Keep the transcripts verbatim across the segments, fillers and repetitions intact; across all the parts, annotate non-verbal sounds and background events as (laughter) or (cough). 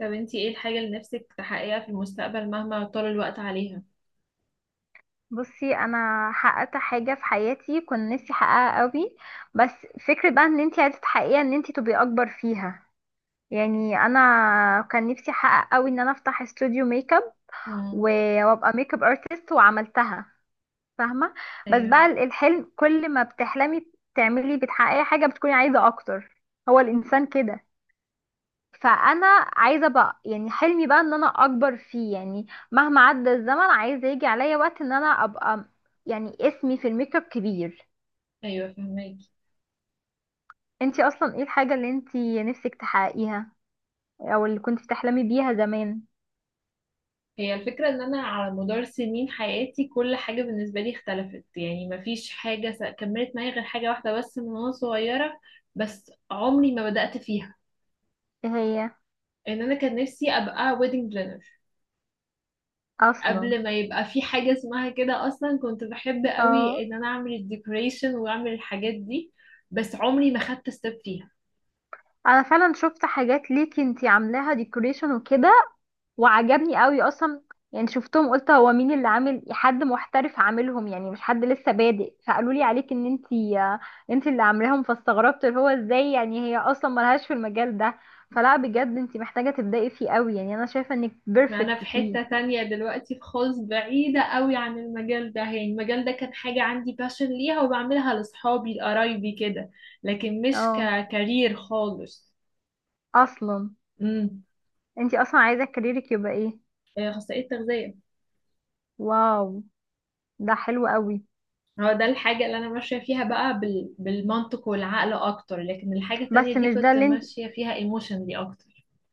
طب انتي ايه الحاجة اللي نفسك تحققيها في المستقبل مهما طال الوقت عليها. بصي، انا حققت حاجه في حياتي كنت نفسي احققها قوي. بس فكره بقى ان انت عايزه تحققيها ان انت تبقي اكبر فيها. يعني انا كان نفسي احقق قوي ان انا افتح استوديو ميك اب مم. و- وابقى ميك اب ارتست، وعملتها. فاهمه. بس بقى ايوه. ال- الحلم كل ما بتحلمي تعملي بتحققي حاجه بتكوني عايزه اكتر. هو الانسان كده. فانا عايزه بقى يعني حلمي بقى ان انا اكبر فيه يعني. مهما عدى الزمن عايزه يجي عليا وقت ان انا ابقى يعني اسمي في الميك اب كبير. ايوه، فهماكي. انتي اصلا ايه الحاجه اللي انتي نفسك تحققيها، او اللي كنت بتحلمي بيها زمان؟ هي الفكرة ان انا على مدار سنين حياتي كل حاجة بالنسبة لي اختلفت، يعني مفيش حاجة س- كملت معايا غير حاجة واحدة بس من وانا صغيرة، بس عمري ما بدأت فيها. ايه هي ان انا كان نفسي ابقى ويدنج بلانر اصلا. قبل ما يبقى في حاجة اسمها كده اصلا. كنت بحب قوي اه ان انا اعمل الديكوريشن واعمل الحاجات دي، بس عمري ما خدت ستيب فيها. انا فعلا شفت حاجات ليكي انتي عاملاها ديكوريشن وكده، وعجبني قوي اصلا. يعني شفتهم قلت هو مين اللي عامل، حد محترف عاملهم يعني مش حد لسه بادئ. فقالوا لي عليك ان انتي، آه، انتي اللي عاملاهم. فاستغربت اللي هو ازاي يعني، هي اصلا ملهاش في المجال ده. فلا بجد انتي محتاجة تبدأي فيه قوي، يعني انا شايفة انك ما انا بيرفكت في فيه. حتة تانية دلوقتي، في خالص بعيدة قوي عن المجال ده. يعني المجال ده كان حاجة عندي باشن ليها وبعملها لصحابي لقرايبي كده، لكن مش اه ككارير خالص. اصلا. امم انتي اصلا عايزة كاريرك يبقى ايه؟ آه، اخصائية تغذية. واو، ده حلو قوي. هو ده الحاجة اللي انا ماشية فيها بقى بال... بالمنطق والعقل اكتر، لكن الحاجة بس التانية دي مش ده كنت اللي انت. ماشية فيها ايموشنلي اكتر.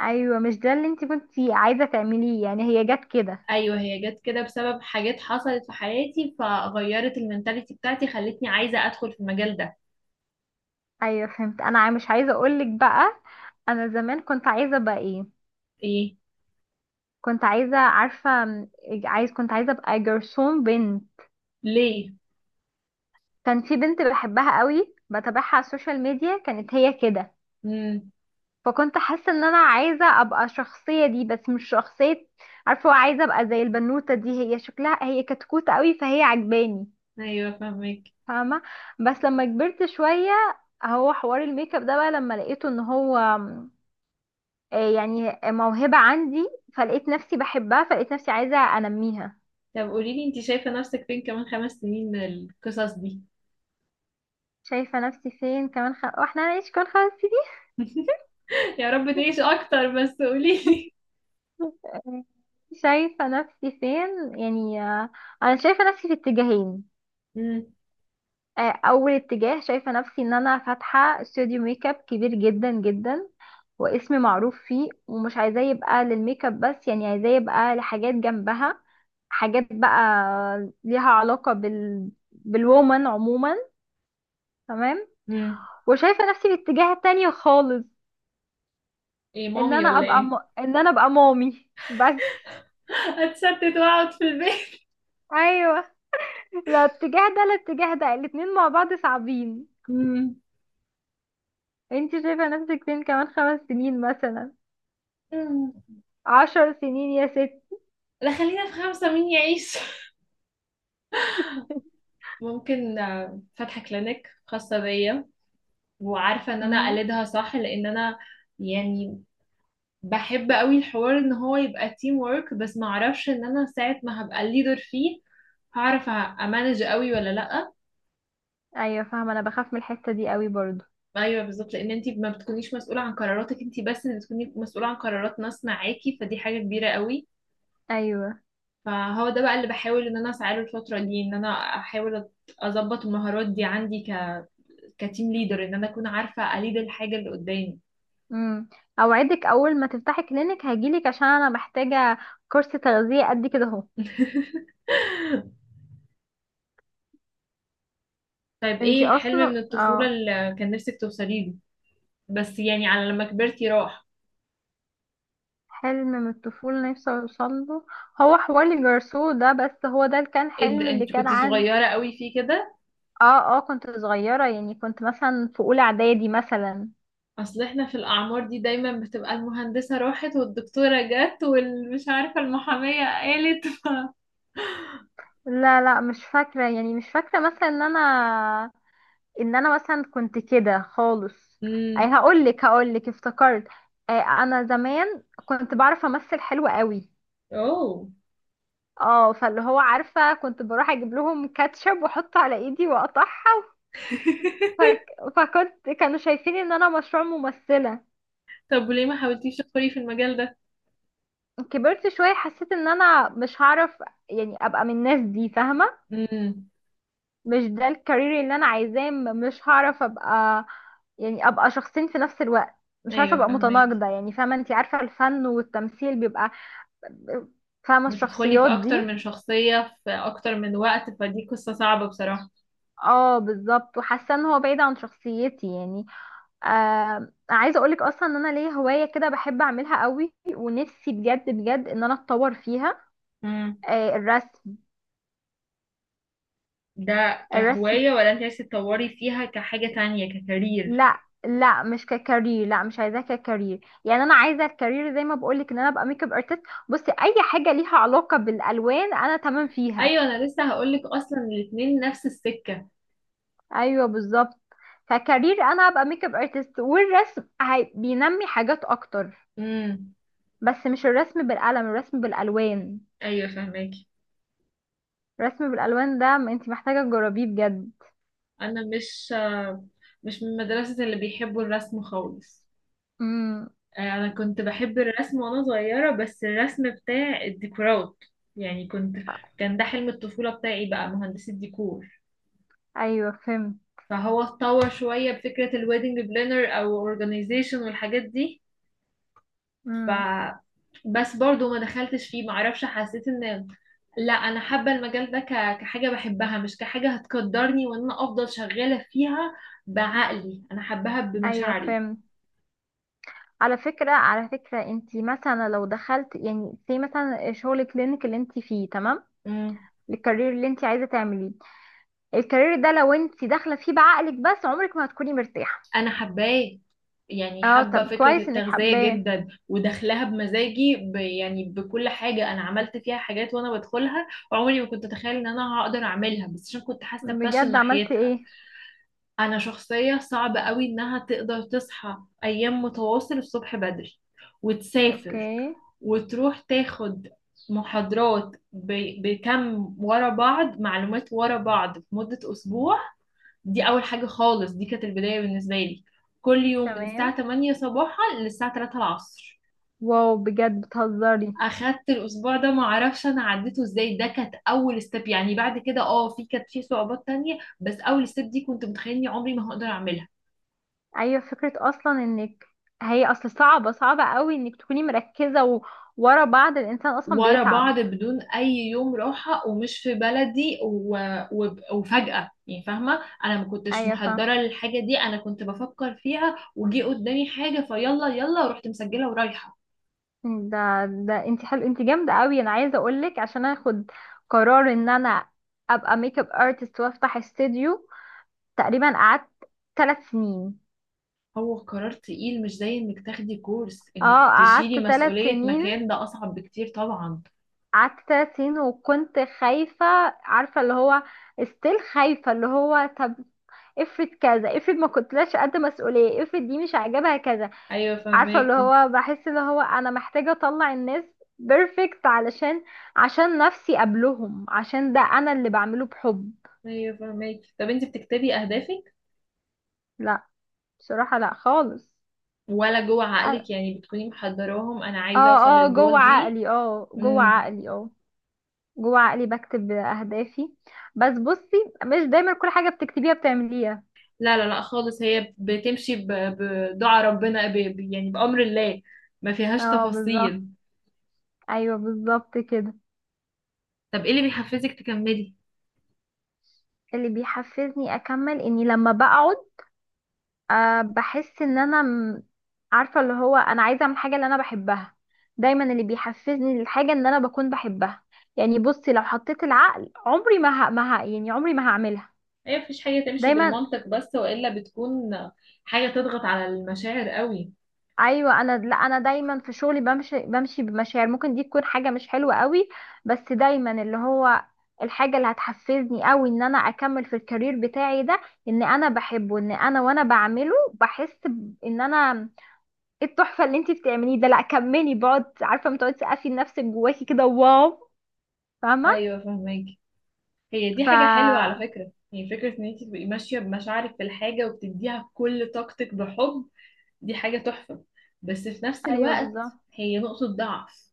ايوه مش ده اللي انت كنتي عايزة تعمليه، يعني هي جت كده. ايوه هي جت كده بسبب حاجات حصلت في حياتي فغيرت المنتاليتي بتاعتي، خلتني عايزة ادخل في المجال ده. ايوه فهمت. انا عا- مش عايزه اقولك بقى، انا زمان كنت عايزه ابقى ايه. ايه؟ كنت عايزه، عارفه م، عايز كنت عايزه ابقى جرسون بنت. ليه؟ كان في بنت بحبها قوي بتابعها على السوشيال ميديا، كانت هي كده. امم فكنت حاسه ان انا عايزه ابقى الشخصيه دي، بس مش شخصيه. عارفه عايزه ابقى زي البنوته دي، هي شكلها هي كتكوت قوي فهي عجباني. ايوه فاهمك. فاهمه. بس لما كبرت شويه، هو حوار الميك اب ده بقى لما لقيته ان هو آه، يعني موهبة عندي. فلقيت نفسي بحبها، فلقيت نفسي عايزة انميها. طب قولي لي، انت شايفة نفسك فين كمان خمس سنين من القصص دي؟ شايفة نفسي فين كمان خ... واحنا هنعيش كل خمس سنين؟ (laughs) يا رب تعيش اكتر، بس قولي لي. (laughs) آه، شايفة نفسي فين يعني، آه، انا شايفة نفسي في اتجاهين. مم. آه، اول اتجاه شايفة نفسي ان انا فاتحة استوديو ميك اب كبير جدا جدا، واسمي معروف فيه. ومش عايزاه يبقى للميك اب بس، يعني عايزاه يبقى لحاجات جنبها، حاجات بقى ليها علاقة بال بالوومن عموما. تمام. مم. وشايفه نفسي في الاتجاه التاني خالص، ايه، ان مامي انا ولا ابقى ايه؟ م... ان انا ابقى مامي بس. هتستت واقعد في البيت؟ ايوه. لا اتجاه ده، لا اتجاه ده، الاتنين مع بعض صعبين. مم. انت شايفه نفسك فين كمان خمس سنين مثلا، مم. عشر سنين يا ست؟ لا خلينا في خمسة، مين يعيش؟ (laughs) ممكن آه، فاتحة كلينيك خاصة بيا، وعارفة ان انا امم. اقلدها صح، لان انا يعني بحب قوي الحوار ان هو يبقى تيم وورك، بس ما اعرفش ان انا ساعة ما هبقى الليدر فيه هعرف امانج قوي ولا لا. ايوه فاهمه، انا بخاف من الحته دي قوي برضو. ايوه بالظبط، لان انت ما بتكونيش مسؤوله عن قراراتك انت بس، اللي بتكوني مسؤوله عن قرارات ناس معاكي، فدي حاجه كبيره قوي. ايوه. فهو ده بقى اللي بحاول ان انا اسعى له الفتره دي، ان انا احاول أت- اظبط المهارات دي عندي ك كتيم ليدر، ان انا اكون عارفه اليد الحاجه اللي قدامي. امم. اوعدك اول ما تفتحي كلينك هجيلك، عشان انا محتاجه كورس تغذيه قد كده اهو. (laughs) طيب، انت ايه حلم من اصلا الطفوله اه. اللي كان نفسك توصلي له، بس يعني على لما كبرتي راح؟ حلم من الطفولة نفسي اوصل له. هو حوار الجرسو ده، بس هو ده اللي كان إيه حلم ده، اللي انت كان كنتي عندي. صغيره قوي فيه كده؟ اه اه كنت صغيرة، يعني كنت مثلا في اولى اعدادي مثلا. اصل احنا في الاعمار دي دايما بتبقى المهندسة راحت والدكتورة جت والمش عارفة المحامية قالت. لا لا مش فاكرة، يعني مش فاكرة مثلا ان انا، ان انا مثلا كنت كده خالص. (laughs) اي امم هقولك، هقولك افتكرت. آه انا زمان كنت بعرف امثل حلو قوي. اوه. اه فاللي هو عارفة كنت بروح اجيب لهم كاتشب واحطه على ايدي واقطعها. فك... فكنت كانوا شايفين ان انا مشروع ممثلة. طب وليه ما حاولتيش تدخلي في المجال ده؟ كبرت شوية حسيت ان انا مش هعرف يعني ابقى من الناس دي، فاهمة. امم مش ده الكارير اللي انا عايزاه، م- مش هعرف ابقى يعني ابقى شخصين في نفس الوقت. مش عارفة ايوه ابقى فهماكي. متناقضة يعني، فاهمة؟ انتي عارفة الفن والتمثيل بيبقى، فاهمة بتدخلي في الشخصيات اكتر دي. من شخصية في اكتر من وقت، فدي قصة صعبة بصراحة. اه بالظبط، وحاسة ان هو بعيد عن شخصيتي يعني. آه عايزة اقولك اصلا ان انا ليا هواية كده بحب اعملها قوي، ونفسي بجد بجد ان انا اتطور فيها. امم آه الرسم. ده الرسم. كهواية ولا انت عايزة تطوري فيها كحاجة تانية، ككارير؟ لا لا مش ككارير، لا مش عايزاه ككارير، يعني انا عايزه الكارير زي ما بقولك ان انا ابقى ميك اب ارتست. بصي اي حاجه ليها علاقه بالالوان انا تمام فيها. ايوه انا لسه هقولك اصلا، الاتنين نفس السكة. ايوه بالظبط. فكارير انا ابقى ميك اب ارتست، والرسم هي- بينمي حاجات اكتر. امم بس مش الرسم بالقلم، الرسم بالالوان. ايوه فهماكي. الرسم بالالوان ده انت محتاجه تجربيه بجد. انا مش مش من مدرسة اللي بيحبوا الرسم خالص. امم. آه، انا كنت بحب الرسم وانا صغيرة، بس الرسم بتاع الديكورات. يعني كنت، كان ده حلم الطفولة بتاعي بقى، مهندسة ديكور. ايوه فهمت. فهو اتطور شوية بفكرة الويدنج بلانر او اورجانيزيشن والحاجات دي. ف امم. بس برضو ما دخلتش فيه، معرفش، حسيت ان لا انا حابة المجال ده ك- كحاجة بحبها، مش كحاجة هتقدرني وان انا افضل شغالة فيها. بعقلي انا حباها ايوه بمشاعري. فهمت. على فكرة، على فكرة انت مثلا لو دخلت يعني في مثلا شغل كلينيك اللي انت فيه، تمام. مم. الكارير اللي انت عايزة تعمليه، الكارير ده لو انت داخلة فيه بعقلك بس عمرك ما هتكوني مرتاحة. انا حباه، يعني اه حابه طب فكره كويس انك التغذيه حباه. جدا وداخلها بمزاجي ب يعني بكل حاجه، انا عملت فيها حاجات وانا بدخلها. عمري ما كنت اتخيل ان انا هقدر اعملها، بس عشان كنت حاسه باشن بجد عملت ناحيتها. ايه؟ انا شخصيه صعب قوي انها تقدر تصحى ايام متواصل الصبح بدري، وتسافر، اوكي. وتروح تاخد محاضرات ب- بكم ورا بعض، معلومات ورا بعض في مده اسبوع. دي اول حاجه خالص، دي كانت البدايه بالنسبه لي. كل يوم من تمام. الساعه ثمانية صباحا للساعه تلاتة العصر. واو بجد بتهزري. اخدت الاسبوع ده ما اعرفش انا عديته ازاي. ده كانت اول ستيب يعني، بعد كده اه في كانت في صعوبات تانية، بس اول ستيب دي كنت متخيله اني عمري ما هقدر اعملها. ايوه فكرة اصلا انك، هي اصل صعبة، صعبة قوي انك تكوني مركزة و... ورا بعض، الانسان اصلا ورا بيتعب. بعض بدون اي يوم راحه، ومش في بلدي، و... و... وفجاه يعني، فاهمه انا ما كنتش ايوه فاهم. محضره للحاجه دي، انا كنت بفكر فيها وجي قدامي حاجه فيلا يلا ورحت مسجله ورايحه. ده ده انت حلو، انت جامده قوي. انا عايزه اقول لك، عشان اخد قرار ان انا ابقى ميك اب ارتست وافتح استوديو، تقريبا قعدت ثلاث سنين. هو قرار تقيل، مش زي انك تاخدي كورس، انك اه قعدت تشيلي ثلاث مسؤولية سنين مكان ده اصعب بكتير طبعا. قعدت ثلاث سنين وكنت خايفه. عارفه اللي هو استيل خايفه اللي هو، طب افرض كذا، افرض ما كنتلاش قد مسؤوليه، افرض دي مش عاجبها كذا. ايوه عارفة اللي فهماكي. هو، بحس اللي هو انا محتاجة اطلع الناس بيرفكت، علشان عشان نفسي قبلهم، عشان ده انا اللي بعمله بحب. ايوه فهماكي. طب انت بتكتبي اهدافك، لا، بصراحة لا خالص. ولا جوه أنا- عقلك يعني بتكوني محضراهم، انا عايزة اوصل اه اه جوه للجول دي؟ عقلي، اه جوه امم عقلي. اه جوه عقلي بكتب اهدافي، بس بصي مش دايما كل حاجة بتكتبيها بتعمليها. لا لا لا خالص، هي بتمشي ب- بدعاء ربنا، ب... ب- يعني بأمر الله، ما فيهاش اه بالظبط. تفاصيل. ايوه بالظبط كده. طب ايه اللي بيحفزك تكملي؟ اللي بيحفزني اكمل اني لما بقعد، أه بحس ان انا م- عارفه اللي هو انا عايزه اعمل حاجه اللي انا بحبها. دايما اللي بيحفزني للحاجه ان انا بكون بحبها. يعني بصي لو حطيت العقل عمري ما ه... ما ه... يعني عمري ما هعملها. ايه، مفيش حاجة تمشي دايما. بالمنطق بس، والا بتكون حاجة تضغط على المشاعر قوي؟ ايوه انا، لا انا دايما في شغلي بمشي، بمشي بمشاعر، ممكن دي تكون حاجه مش حلوه قوي. بس دايما اللي هو الحاجه اللي هتحفزني قوي ان انا اكمل في الكارير بتاعي ده ان انا بحبه، ان انا وانا بعمله بحس ب- ان انا، ايه التحفه اللي انت بتعمليه ده، لا كملي. بقعد عارفه بتقعدي تسقفي لنفسك جواكي كده، واو. فاهمه. ايوه فهماكي. هي دي ف حاجة حلوة على فكرة، يعني فكرة ان انت تبقي ماشية بمشاعرك في الحاجة وبتديها كل طاقتك بحب، دي حاجة تحفة. بس في نفس ايوه الوقت بالظبط. هي نقطة ضعف.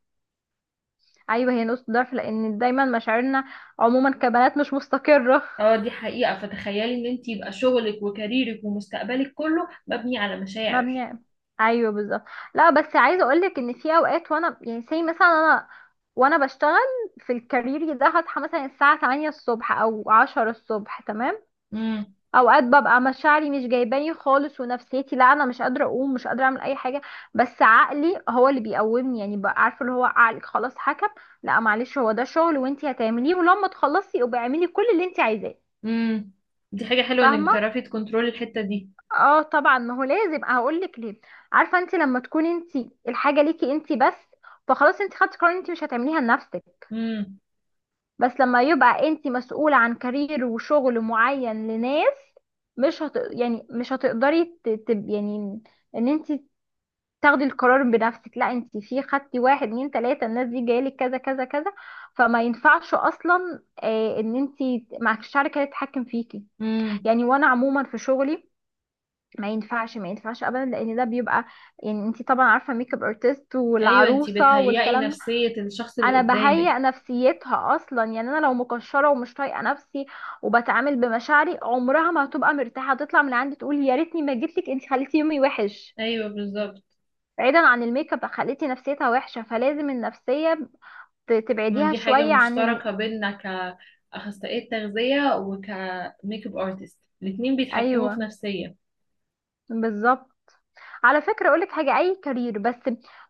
ايوه هي نقطه ضعف، لان دايما مشاعرنا عموما كبنات مش مستقره. اه دي حقيقة. فتخيلي ان انت يبقى شغلك وكاريرك ومستقبلك كله مبني على (laughs) مشاعر. مبني. ايوه بالظبط. لا بس عايزه اقولك ان في اوقات، وانا يعني زي مثلا انا، وانا بشتغل في الكارير ده هصحى مثلا الساعه تمانية الصبح او عشرة الصبح، تمام. امم اوقات ببقى مشاعري مش جايباني خالص، ونفسيتي لا انا مش قادره اقوم، مش قادره اعمل اي حاجه. بس عقلي هو اللي بيقومني، يعني بقى عارفه اللي هو عقلك خلاص حكم، لا معلش هو ده شغل وانتي هتعمليه، ولما تخلصي ابقي اعملي كل اللي انتي عايزاه. امم دي حاجة حلوة انك فاهمه. بتعرفي تكنترولي الحتة دي. اه طبعا، ما هو لازم، هقول لك ليه. عارفه انتي لما تكوني انتي الحاجه ليكي انتي بس، فخلاص انتي خدتي قرار انتي مش هتعمليها لنفسك. امم بس لما يبقى انت مسؤولة عن كارير وشغل معين لناس، مش هت... يعني مش هتقدري ت... ت... يعني ان انت تاخدي القرار بنفسك. لا انت في خدتي واحد اتنين تلاتة، الناس دي جايلك كذا كذا كذا. فما ينفعش اصلا آه ان انت معكش شركة تتحكم فيكي. امم يعني وانا عموما في شغلي ما ينفعش، ما ينفعش ابدا، لان ده بيبقى، يعني انت طبعا عارفه ميك اب ارتست ايوه، انت والعروسه بتهيئي والكلام. نفسية الشخص اللي انا قدامك. بهيئ نفسيتها اصلا، يعني انا لو مكشره ومش طايقه نفسي وبتعامل بمشاعري عمرها ما هتبقى مرتاحه، هتطلع من عندي تقول يا ريتني ما جيتلك انت خليتي يومي وحش. ايوه بالظبط. بعيدا عن الميك اب خليتي نفسيتها وحشه. فلازم النفسيه ت- إن تبعديها دي حاجة شويه عن ال... مشتركة بينا كأخصائية تغذية وكميك اب ارتست، الاتنين بيتحكموا في ايوه نفسية. بالظبط. على فكره اقولك حاجه، اي كارير بس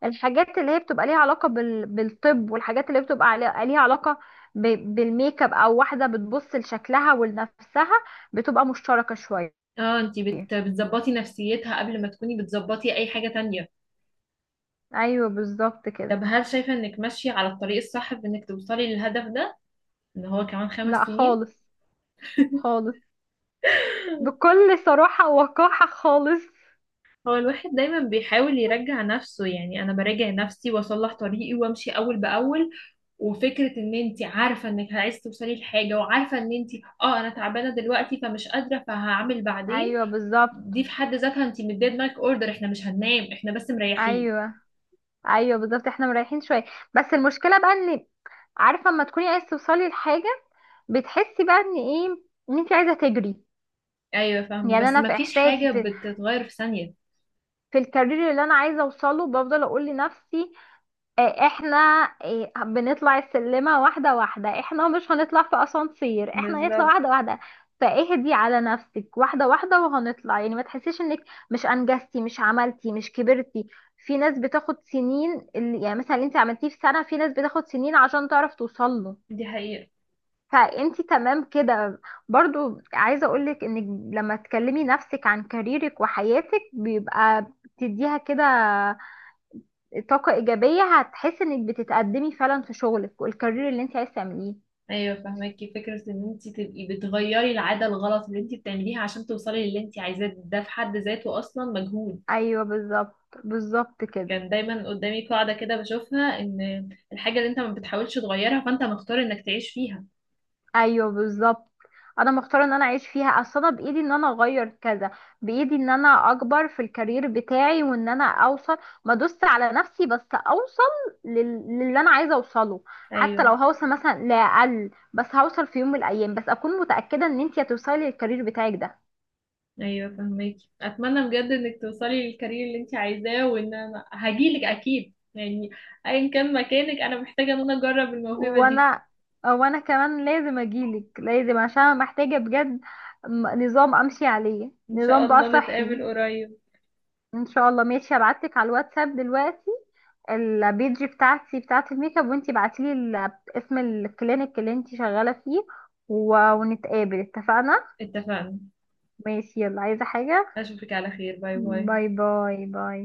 الحاجات اللي هي بتبقى ليها علاقه بال... بالطب، والحاجات اللي بتبقى علي- ليها علاقه ب... بالميك اب او واحده بتبص لشكلها ولنفسها، بتبقى مشتركه شويه. اه انتي بت... بتظبطي نفسيتها قبل ما تكوني بتظبطي اي حاجة تانية. ايوه بالظبط كده. طب هل شايفة انك ماشية على الطريق الصح في انك توصلي للهدف ده، ان هو كمان خمس لا سنين خالص. خالص. (laughs) بكل صراحة ووقاحة خالص. هو الواحد دايما بيحاول يرجع نفسه، يعني انا براجع نفسي واصلح طريقي وامشي اول باول. وفكره ان انت عارفه انك عايزه توصلي لحاجه، وعارفه ان انت اه انا تعبانه دلوقتي فمش قادره، فهعمل بعدين، ايوه دي بالظبط. في حد ذاتها انت مديه دماغك اوردر، احنا مش هننام، احنا بس مريحين. ايوه. ايوه بالظبط احنا مريحين شوية. بس المشكلة بقى ان، عارفة لما تكوني عايزة توصلي لحاجة، بتحسي بقى ان ايه؟ ان انت عايزة تجري. ايوه فاهمه، يعني بس انا ما في فيش احساسي حاجه في، بتتغير في ثانيه. في الكارير اللي انا عايزة اوصله بفضل اقول لنفسي، آه، احنا آه، بنطلع السلمة واحدة واحدة، احنا مش هنطلع في اسانسير، احنا نطلع واحدة بالظبط واحدة. فاهدي على نفسك، واحدة واحدة وهنطلع. يعني ما تحسيش انك مش انجزتي مش عملتي مش كبرتي. في ناس بتاخد سنين اللي- يعني مثلا اللي انت عملتيه في سنة في ناس بتاخد سنين عشان تعرف توصل له. دي حقيقه. فانت تمام كده. برضو عايزة اقولك انك لما تكلمي نفسك عن كاريرك وحياتك بيبقى بتديها كده طاقة إيجابية، هتحس إنك بتتقدمي فعلا في شغلك والكارير اللي أنت عايزة تعمليه. ايوه فاهماكي، فكره ان انت تبقي بتغيري العاده الغلط اللي انت بتعمليها عشان توصلي للي انت عايزاه، ده في حد ذاته اصلا مجهود. أيوه بالظبط. بالظبط كده. كان دايما قدامي قاعده كده بشوفها، ان الحاجه اللي انت ما بتحاولش تغيرها فانت مختار انك تعيش فيها. أيوه بالظبط. أنا مختارة إن أنا أعيش فيها. أصل أنا بإيدي إن أنا أغير كذا، بإيدي إن أنا أكبر في الكارير بتاعي، وإن أنا أوصل ما دوست على نفسي بس أوصل لل... للي أنا عايزة أوصله. حتى لو ايوه. هوصل مثلا لأقل، بس هوصل في يوم من الأيام. بس أكون متأكدة إن أنت هتوصلي للكارير بتاعك ده. ايوه فهمك. اتمنى بجد انك توصلي للكارير اللي انت عايزاه، وان انا هجيلك اكيد يعني، ايا كان مكانك، انا محتاجه ان انا اجرب الموهبه دي. وانا، وانا كمان لازم اجيلك لازم، عشان انا محتاجة بجد م- نظام امشي عليه، ان شاء نظام بقى الله نتقابل صحي. قريب. ان شاء الله. ماشي هبعتلك على الواتساب دلوقتي البيج بتاعتي بتاعت الميك اب، وانتي بعتيلي ال- اسم الكلينيك اللي انتي شغالة فيه، و- ونتقابل. اتفقنا. اتفقنا. ماشي يلا، عايزة حاجة؟ اشوفك على خير، باي باي باي. باي باي.